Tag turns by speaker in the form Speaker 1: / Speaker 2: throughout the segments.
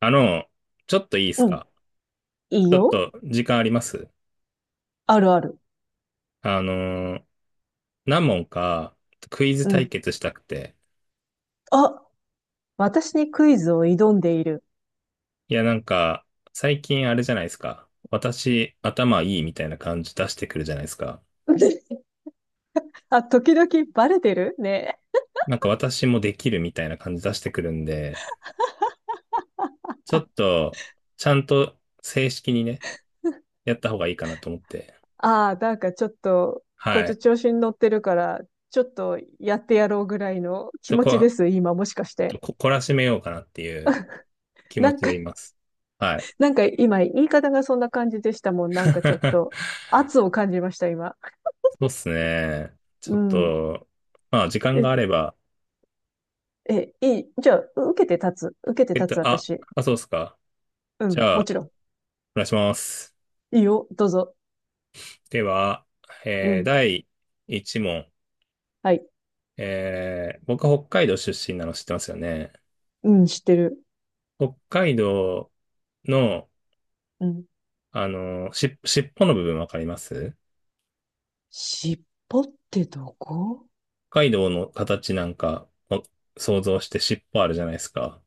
Speaker 1: あの、ちょっといいです
Speaker 2: うん。
Speaker 1: か？
Speaker 2: いい
Speaker 1: ちょっ
Speaker 2: よ。
Speaker 1: と時間あります？
Speaker 2: あるある。
Speaker 1: あのー何問かクイズ
Speaker 2: う
Speaker 1: 対
Speaker 2: ん。
Speaker 1: 決したくて。
Speaker 2: あ、私にクイズを挑んでいる。
Speaker 1: いや、なんか、最近あれじゃないですか。私、頭いいみたいな感じ出してくるじゃないですか。
Speaker 2: あ、時々バレてるね。
Speaker 1: なんか私もできるみたいな感じ出してくるんで、ちょっと、ちゃんと正式にね、やった方がいいかなと思って。
Speaker 2: ああ、なんかちょっと、こい
Speaker 1: は
Speaker 2: つ
Speaker 1: い。
Speaker 2: 調子に乗ってるから、ちょっとやってやろうぐらいの
Speaker 1: ち
Speaker 2: 気
Speaker 1: ょっ
Speaker 2: 持ち
Speaker 1: と
Speaker 2: です、今もしかして。
Speaker 1: 懲らしめようかなっていう気
Speaker 2: な
Speaker 1: 持
Speaker 2: ん
Speaker 1: ち
Speaker 2: か、
Speaker 1: でいます。はい。
Speaker 2: なんか今言い方がそんな感じでしたもん。なんかちょっと 圧を感じました、今。
Speaker 1: そうっすね。ち
Speaker 2: う
Speaker 1: ょっ
Speaker 2: ん。
Speaker 1: と、まあ、時間
Speaker 2: え、
Speaker 1: があれば、
Speaker 2: いい。じゃあ、受けて立つ。受けて
Speaker 1: えっ
Speaker 2: 立つ、
Speaker 1: と、あ、
Speaker 2: 私。
Speaker 1: そうっすか。
Speaker 2: う
Speaker 1: じ
Speaker 2: ん、
Speaker 1: ゃ
Speaker 2: も
Speaker 1: あ、
Speaker 2: ちろ
Speaker 1: お願いします。
Speaker 2: ん。いいよ、どうぞ。
Speaker 1: では、
Speaker 2: うん。
Speaker 1: 第1問。
Speaker 2: はい。
Speaker 1: 僕は北海道出身なの知ってますよね。
Speaker 2: うん、知ってる。
Speaker 1: 北海道の、
Speaker 2: うん。
Speaker 1: 尻尾の部分わかります？
Speaker 2: 尻尾ってどこ？
Speaker 1: 北海道の形なんか、想像して尻尾あるじゃないですか。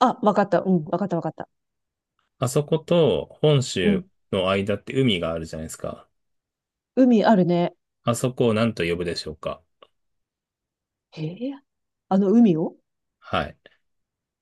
Speaker 2: あ、わかった。うん、わかったわかった。
Speaker 1: あそこと本
Speaker 2: う
Speaker 1: 州
Speaker 2: ん。
Speaker 1: の間って海があるじゃないですか。
Speaker 2: 海あるね。
Speaker 1: あそこを何と呼ぶでしょうか？
Speaker 2: へえ。あの海を？
Speaker 1: はい。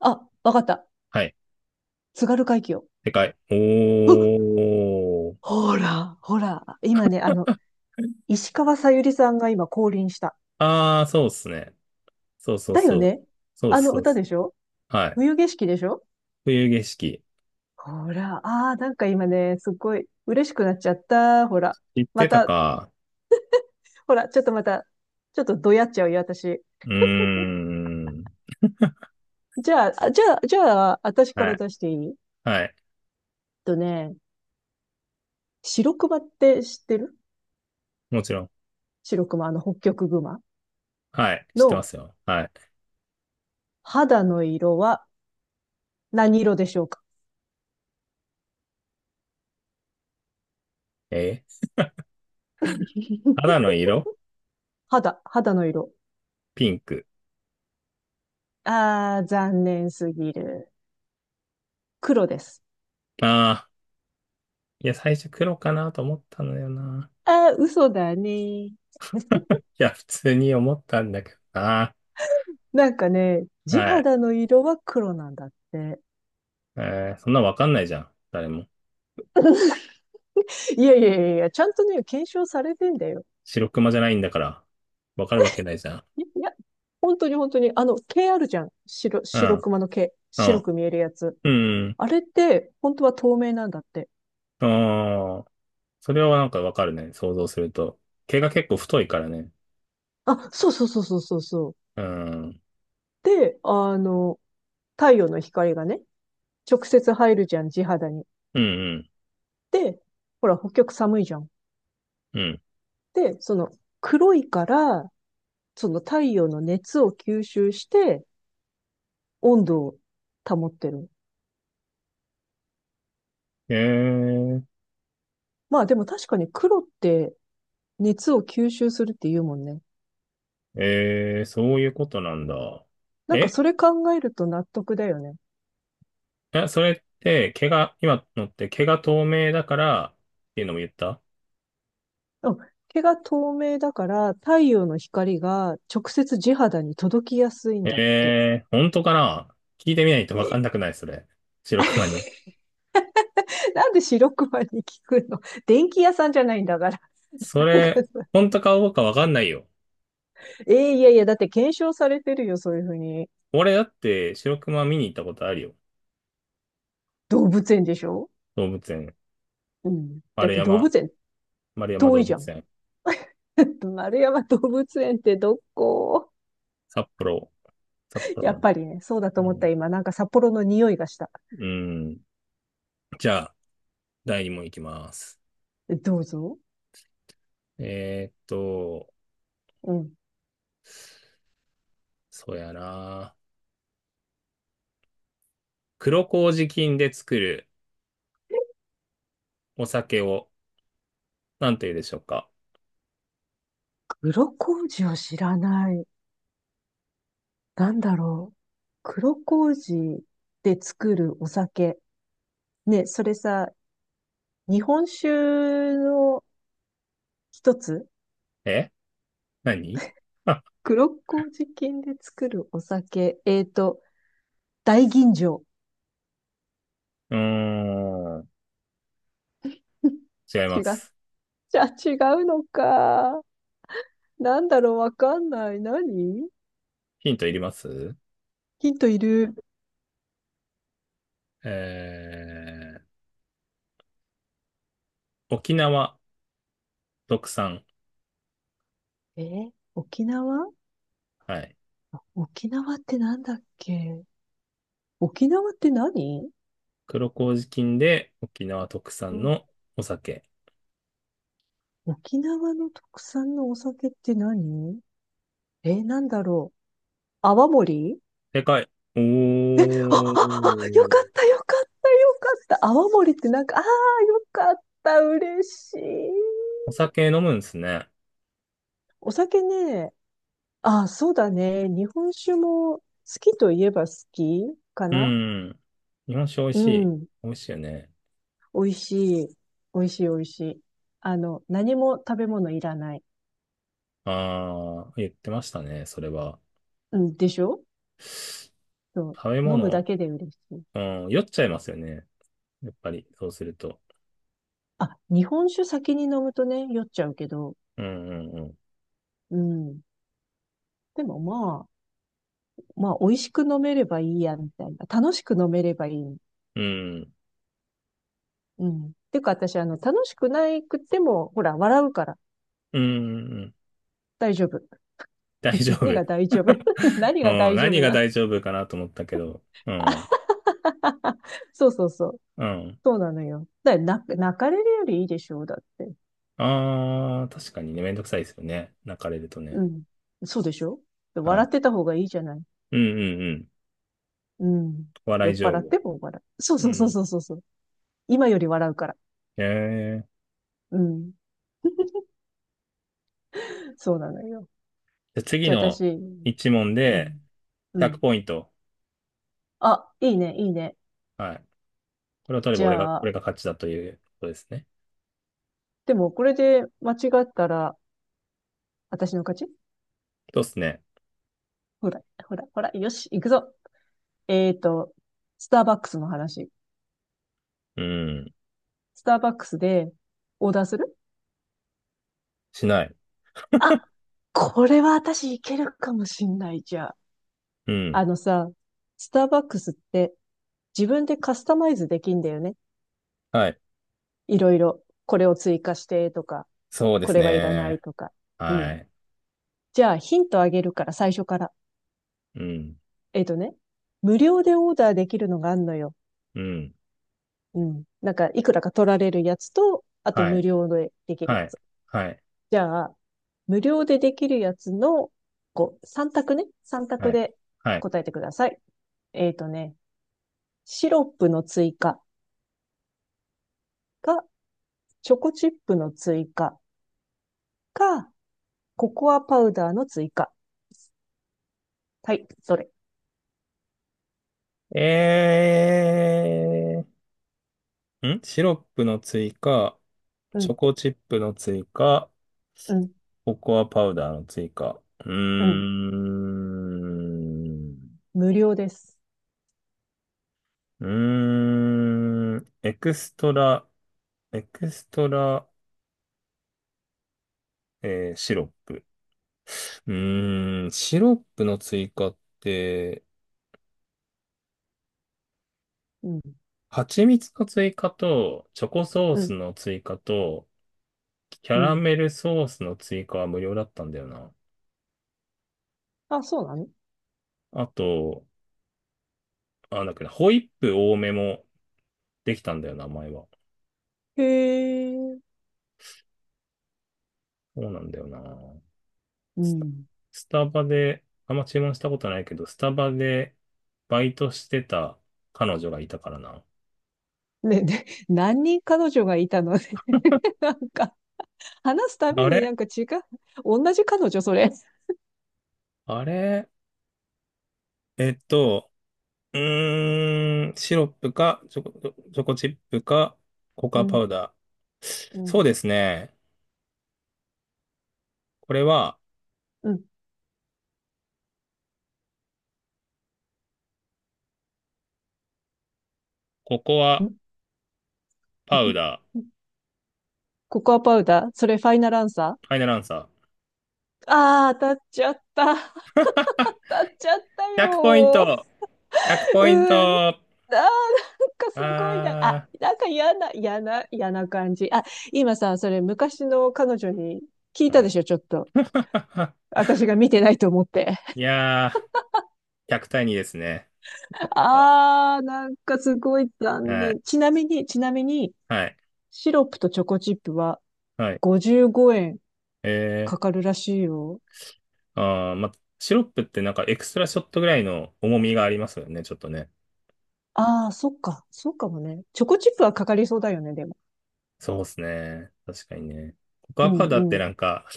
Speaker 2: あ、わかった。
Speaker 1: はい。
Speaker 2: 津軽海峡。
Speaker 1: でかい。
Speaker 2: う
Speaker 1: おー。
Speaker 2: ほら、ほら。今ね、あの、石川さゆりさんが今降臨した。
Speaker 1: ああ、そうっすね。そうそう
Speaker 2: だよ
Speaker 1: そう。
Speaker 2: ね。
Speaker 1: そうっ
Speaker 2: あ
Speaker 1: す、
Speaker 2: の
Speaker 1: そうっ
Speaker 2: 歌
Speaker 1: す。
Speaker 2: でしょ？
Speaker 1: はい。
Speaker 2: 冬景色でしょ？
Speaker 1: 冬景色。
Speaker 2: ほら、ああ、なんか今ね、すっごい嬉しくなっちゃった。ほら。
Speaker 1: 知っ
Speaker 2: ま
Speaker 1: てた
Speaker 2: た、
Speaker 1: か。
Speaker 2: ほら、ちょっとまた、ちょっとどやっちゃうよ、私。
Speaker 1: うーん。
Speaker 2: じゃあ、あじゃあ、じゃあ、私か
Speaker 1: は
Speaker 2: ら
Speaker 1: い。
Speaker 2: 出していい？
Speaker 1: はい。
Speaker 2: とね、白熊って知ってる？
Speaker 1: もちろん。
Speaker 2: 白熊、あの北極熊
Speaker 1: はい。知ってま
Speaker 2: の
Speaker 1: すよ。はい。
Speaker 2: 肌の色は何色でしょうか？
Speaker 1: えー肌 の色。
Speaker 2: 肌、肌の色。
Speaker 1: ピンク。
Speaker 2: あー、残念すぎる。黒です。
Speaker 1: ああ。いや、最初黒かなと思ったのよな。
Speaker 2: あー、嘘だね。
Speaker 1: い や、普通に思ったんだけどな。
Speaker 2: なんかね、地
Speaker 1: はい。
Speaker 2: 肌の色は黒なんだって。
Speaker 1: そんなわかんないじゃん。誰も。
Speaker 2: いやいやいやいや、ちゃんとね、検証されてんだよ。
Speaker 1: 白熊じゃないんだから。わかるわけないじゃん。
Speaker 2: いいや、本当に本当に、あの、毛あるじゃん。白、
Speaker 1: う
Speaker 2: 白
Speaker 1: ん。
Speaker 2: 熊の毛。
Speaker 1: う
Speaker 2: 白
Speaker 1: ん。
Speaker 2: く見えるやつ。
Speaker 1: うん。
Speaker 2: あれって、本当は透明なんだって。
Speaker 1: ああ、それはなんかわかるね。想像すると。毛が結構太いからね。
Speaker 2: あ、そうそうそうそうそうそう。
Speaker 1: うん。うん
Speaker 2: で、あの、太陽の光がね、直接入るじゃん、地肌に。
Speaker 1: うん
Speaker 2: で、ほら、北極寒いじゃん。
Speaker 1: うん。
Speaker 2: で、その、黒いから、その太陽の熱を吸収して、温度を保ってる。
Speaker 1: ええ、
Speaker 2: まあでも確かに黒って熱を吸収するって言うもんね。
Speaker 1: ええ、そういうことなんだ。
Speaker 2: なんか
Speaker 1: え
Speaker 2: それ考えると納得だよね。
Speaker 1: え、それって毛が、今のって毛が透明だからっていうのも言った？
Speaker 2: うん。毛が透明だから太陽の光が直接地肌に届きやすいんだって。
Speaker 1: ええ、本当かな聞いてみないとわか
Speaker 2: え、
Speaker 1: んなくない、それ。白熊に。
Speaker 2: なんで白熊に聞くの？ 電気屋さんじゃないんだから。
Speaker 1: そ
Speaker 2: なんか
Speaker 1: れ、
Speaker 2: さ、
Speaker 1: 本当かどうかわかんないよ。
Speaker 2: いやいや、だって検証されてるよ、そういうふうに。
Speaker 1: 俺だって白熊見に行ったことあるよ。
Speaker 2: 動物園でしょ？
Speaker 1: 動物園。
Speaker 2: うん。だっ
Speaker 1: 丸
Speaker 2: て動
Speaker 1: 山、
Speaker 2: 物園
Speaker 1: 丸山
Speaker 2: 遠い
Speaker 1: 動
Speaker 2: じゃ
Speaker 1: 物
Speaker 2: ん。
Speaker 1: 園。
Speaker 2: 丸山動物園ってどこ？
Speaker 1: 札幌。札幌
Speaker 2: やっ
Speaker 1: の。
Speaker 2: ぱりね、そうだと
Speaker 1: う
Speaker 2: 思った
Speaker 1: ん。
Speaker 2: 今、なんか札幌の匂いがした。
Speaker 1: うん。じゃあ、第2問いきます。
Speaker 2: どうぞ。
Speaker 1: えーっと、
Speaker 2: うん。
Speaker 1: そうやな。黒麹菌で作るお酒を何と言うでしょうか？
Speaker 2: 黒麹を知らない。なんだろう。黒麹で作るお酒。ね、それさ、日本酒の一つ？
Speaker 1: え、何、あ、
Speaker 2: 黒麹菌で作るお酒。大吟醸。
Speaker 1: うーん。違い
Speaker 2: 違
Speaker 1: ま
Speaker 2: っ
Speaker 1: す。
Speaker 2: ちゃ違うのか。なんだろう、わかんない。何？
Speaker 1: ヒントいります？
Speaker 2: ヒントいる。
Speaker 1: え沖縄特産。
Speaker 2: 沖縄？
Speaker 1: はい。
Speaker 2: 沖縄ってなんだっけ？沖縄って何？
Speaker 1: 黒麹菌で沖縄特
Speaker 2: う
Speaker 1: 産
Speaker 2: ん。
Speaker 1: のお酒。
Speaker 2: 沖縄の特産のお酒って何？なんだろう。泡盛？
Speaker 1: でかい。お
Speaker 2: あ、あ、あ、よかっ
Speaker 1: ー。
Speaker 2: た、よかった、よかった。泡盛ってなんか、ああ、よかった、嬉しい。
Speaker 1: お酒飲むんですね。
Speaker 2: お酒ね、あ、そうだね。日本酒も好きといえば好きか
Speaker 1: う
Speaker 2: な。
Speaker 1: ん。日本酒美味
Speaker 2: う
Speaker 1: しい。
Speaker 2: ん。
Speaker 1: 美味しいよね。
Speaker 2: 美味しい。美味しい美味しい。あの、何も食べ物いらない。
Speaker 1: ああ、言ってましたね、それは。
Speaker 2: うん、でしょ？そ
Speaker 1: 食べ
Speaker 2: う。飲むだ
Speaker 1: 物、
Speaker 2: けで嬉しい。
Speaker 1: うん、酔っちゃいますよね。やっぱり、そうすると。
Speaker 2: あ、日本酒先に飲むとね、酔っちゃうけど。
Speaker 1: うんうんうん。
Speaker 2: うん。でもまあ、まあ、美味しく飲めればいいや、みたいな。楽しく飲めればいい。
Speaker 1: うん。
Speaker 2: うん。てか私、あの、楽しくないくても、ほら、笑うから
Speaker 1: うんうんうん。
Speaker 2: 大丈夫。
Speaker 1: 大 丈夫。
Speaker 2: 何が 大丈夫？ 何
Speaker 1: う
Speaker 2: が
Speaker 1: ん、
Speaker 2: 大丈
Speaker 1: 何
Speaker 2: 夫
Speaker 1: が
Speaker 2: な？
Speaker 1: 大丈夫かなと思ったけど。うん。
Speaker 2: そうそうそう。
Speaker 1: うん。
Speaker 2: そうなのよ。だから泣く泣かれるよりいいでしょう、だって。
Speaker 1: ああ、確かにね、めんどくさいですよね。泣かれると
Speaker 2: う
Speaker 1: ね。
Speaker 2: ん。そうでしょ？
Speaker 1: は
Speaker 2: 笑っ
Speaker 1: い。
Speaker 2: てた方がいいじゃない。
Speaker 1: うんうんうん。
Speaker 2: うん。
Speaker 1: お笑
Speaker 2: 酔
Speaker 1: い
Speaker 2: っ
Speaker 1: 情
Speaker 2: 払っ
Speaker 1: 報。
Speaker 2: ても笑う。そう
Speaker 1: う
Speaker 2: そうそう
Speaker 1: ん。
Speaker 2: そうそうそう。今より笑うから。
Speaker 1: ええ。
Speaker 2: うん。そうなのよ。
Speaker 1: じゃあ次
Speaker 2: じゃあ私、
Speaker 1: の一問
Speaker 2: う
Speaker 1: で
Speaker 2: ん。う
Speaker 1: 100
Speaker 2: ん。
Speaker 1: ポイント。
Speaker 2: あ、いいね、いいね。
Speaker 1: はい。これを取れば
Speaker 2: じ
Speaker 1: 俺が、
Speaker 2: ゃ
Speaker 1: 俺
Speaker 2: あ、
Speaker 1: が勝ちだということですね。
Speaker 2: でもこれで間違ったら、私の勝ち。
Speaker 1: そうですね。
Speaker 2: ほら、ほら、ほら、よし、行くぞ。えーと、スターバックスの話。
Speaker 1: うん。
Speaker 2: スターバックスでオーダーする？
Speaker 1: しない。
Speaker 2: あ、これは私いけるかもしんないじゃあ。
Speaker 1: うん。
Speaker 2: あのさ、スターバックスって自分でカスタマイズできんだよね。
Speaker 1: はい。
Speaker 2: いろいろ。これを追加してとか、
Speaker 1: そうで
Speaker 2: こ
Speaker 1: す
Speaker 2: れはいらない
Speaker 1: ね。
Speaker 2: とか。う
Speaker 1: は
Speaker 2: ん。
Speaker 1: い。
Speaker 2: じゃあヒントあげるから最初から。
Speaker 1: うん。
Speaker 2: えっとね、無料でオーダーできるのがあんのよ。
Speaker 1: うん。
Speaker 2: うん。なんかいくらか取られるやつと、あと
Speaker 1: はい。
Speaker 2: 無料でできる
Speaker 1: は
Speaker 2: や
Speaker 1: い。
Speaker 2: つ。
Speaker 1: はい。
Speaker 2: じゃあ、無料でできるやつの、こう、3択ね。3
Speaker 1: は
Speaker 2: 択
Speaker 1: い。
Speaker 2: で
Speaker 1: はい。
Speaker 2: 答えてください。えっとね、シロップの追加か、チョコチップの追加か、ココアパウダーの追加。はい、どれ？
Speaker 1: えシロップの追加、
Speaker 2: う
Speaker 1: チ
Speaker 2: ん、
Speaker 1: ョコチップの追加、
Speaker 2: うん、
Speaker 1: ココアパウダーの追加。うー
Speaker 2: うん。
Speaker 1: ん。
Speaker 2: 無料です。
Speaker 1: うーん。エクストラ、エクストラ、えーシロップ。うーん、シロップの追加って、
Speaker 2: うん、
Speaker 1: 蜂蜜の追加と、チョコソー
Speaker 2: う
Speaker 1: ス
Speaker 2: ん、
Speaker 1: の追加と、キャ
Speaker 2: う
Speaker 1: ラ
Speaker 2: ん。
Speaker 1: メルソースの追加は無料だったんだよな。
Speaker 2: あ、そうなの？
Speaker 1: あと、だけど、ホイップ多めもできたんだよな、前は。
Speaker 2: へえ。
Speaker 1: そうなんだよな。
Speaker 2: う
Speaker 1: スタ、
Speaker 2: ん。
Speaker 1: スタバで、あんま注文したことないけど、スタバでバイトしてた彼女がいたからな。
Speaker 2: ね、で何人彼女がいたのね。なんか、話すたび
Speaker 1: あ
Speaker 2: にな
Speaker 1: れ
Speaker 2: んか違う。同じ彼女、それ。
Speaker 1: あれえっと、うーん、シロップか、チョコチップか、ココ
Speaker 2: う
Speaker 1: アパ
Speaker 2: ん、
Speaker 1: ウダー。
Speaker 2: う
Speaker 1: そ
Speaker 2: ん。
Speaker 1: うですね。これは、
Speaker 2: うん。
Speaker 1: ココアパウダ ー。
Speaker 2: んんココアパウダーそれファイナルアンサー？
Speaker 1: ファイナルアンサー。
Speaker 2: ああー、当たっちゃった。当たっちゃった
Speaker 1: 100ポイン
Speaker 2: よ
Speaker 1: ト !100
Speaker 2: ー。
Speaker 1: ポイン
Speaker 2: うーん。あ
Speaker 1: ト。
Speaker 2: ー、なんかすごいな。あ、
Speaker 1: あ
Speaker 2: なんか嫌な、嫌な、嫌な感じ。あ、今さ、それ昔の彼女に聞い
Speaker 1: ー、
Speaker 2: た
Speaker 1: は
Speaker 2: で
Speaker 1: い。
Speaker 2: しょ、ちょっと。私が見てないと思って。
Speaker 1: いやー、100対2ですね。
Speaker 2: あー、なんかすごい残
Speaker 1: はい、
Speaker 2: 念。ちなみに、ちなみに、
Speaker 1: はい、
Speaker 2: シロップとチョコチップは
Speaker 1: はい。
Speaker 2: 55円か
Speaker 1: え
Speaker 2: かるらしいよ。
Speaker 1: ま、シロップってなんかエクストラショットぐらいの重みがありますよね、ちょっとね。
Speaker 2: ああ、そっか。そうかもね。チョコチップはかかりそうだよね、でも。
Speaker 1: そうですね。確かにね。ココ
Speaker 2: う
Speaker 1: アパ
Speaker 2: ん、
Speaker 1: ウダーって
Speaker 2: うん。
Speaker 1: なんか、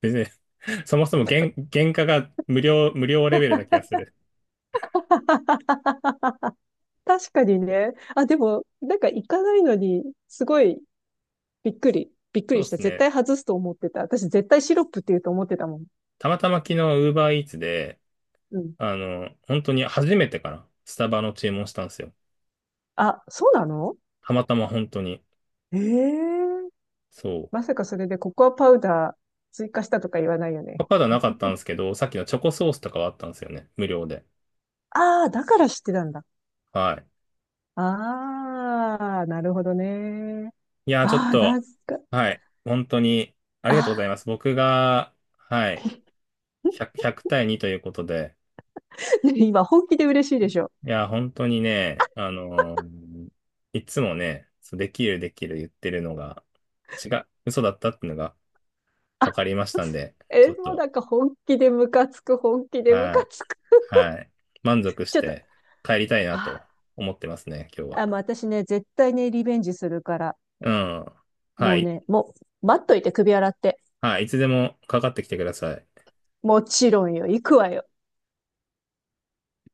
Speaker 1: 別に。 そもそも原価が無料、無料レベルな気がする。
Speaker 2: 確かにね。あ、でも、なんか行かないのに、すごいびっくり。びっく
Speaker 1: そ
Speaker 2: り
Speaker 1: う
Speaker 2: し
Speaker 1: で
Speaker 2: た。
Speaker 1: す
Speaker 2: 絶
Speaker 1: ね。
Speaker 2: 対外すと思ってた。私絶対シロップって言うと思ってたもん。
Speaker 1: たまたま昨日 Uber Eats で、
Speaker 2: うん。
Speaker 1: 本当に初めてかな。スタバの注文したんですよ。
Speaker 2: あ、そうなの？
Speaker 1: たまたま本当に。
Speaker 2: ええ。
Speaker 1: そ
Speaker 2: ま
Speaker 1: う。
Speaker 2: さかそれでココアパウダー追加したとか言わないよね。
Speaker 1: ココアパウダーなかったんですけど、さっきのチョコソースとかはあったんですよね。無料で。
Speaker 2: ああ、だから知ってたんだ。
Speaker 1: は
Speaker 2: ああ、なるほどね。
Speaker 1: い。いやー、ちょっ
Speaker 2: ああ、な
Speaker 1: と、
Speaker 2: んか、
Speaker 1: はい。本当に、あ
Speaker 2: あ
Speaker 1: りがとうござい
Speaker 2: あ、
Speaker 1: ます。僕が、はい。1 0 100対2ということで、
Speaker 2: ね今、本気で嬉しいでしょ？
Speaker 1: いや、本当にね、いつもね、そう、できるできる言ってるのが、違う、嘘だったっていうのが分
Speaker 2: あ、
Speaker 1: かりましたん で、ち
Speaker 2: え、
Speaker 1: ょっ
Speaker 2: もう
Speaker 1: と、
Speaker 2: なんか本気でムカつく、本気でム
Speaker 1: は
Speaker 2: カ
Speaker 1: い、
Speaker 2: つく。
Speaker 1: はい、満足し
Speaker 2: ちょっと、
Speaker 1: て帰りたいな
Speaker 2: あ、
Speaker 1: と思ってますね、今日
Speaker 2: もう
Speaker 1: は。
Speaker 2: 私ね、絶対ね、リベンジするから、
Speaker 1: うん。は
Speaker 2: もう
Speaker 1: い、
Speaker 2: ね、もう、待っといて、首洗って。
Speaker 1: はい、いつでもかかってきてください。
Speaker 2: もちろんよ、行くわよ。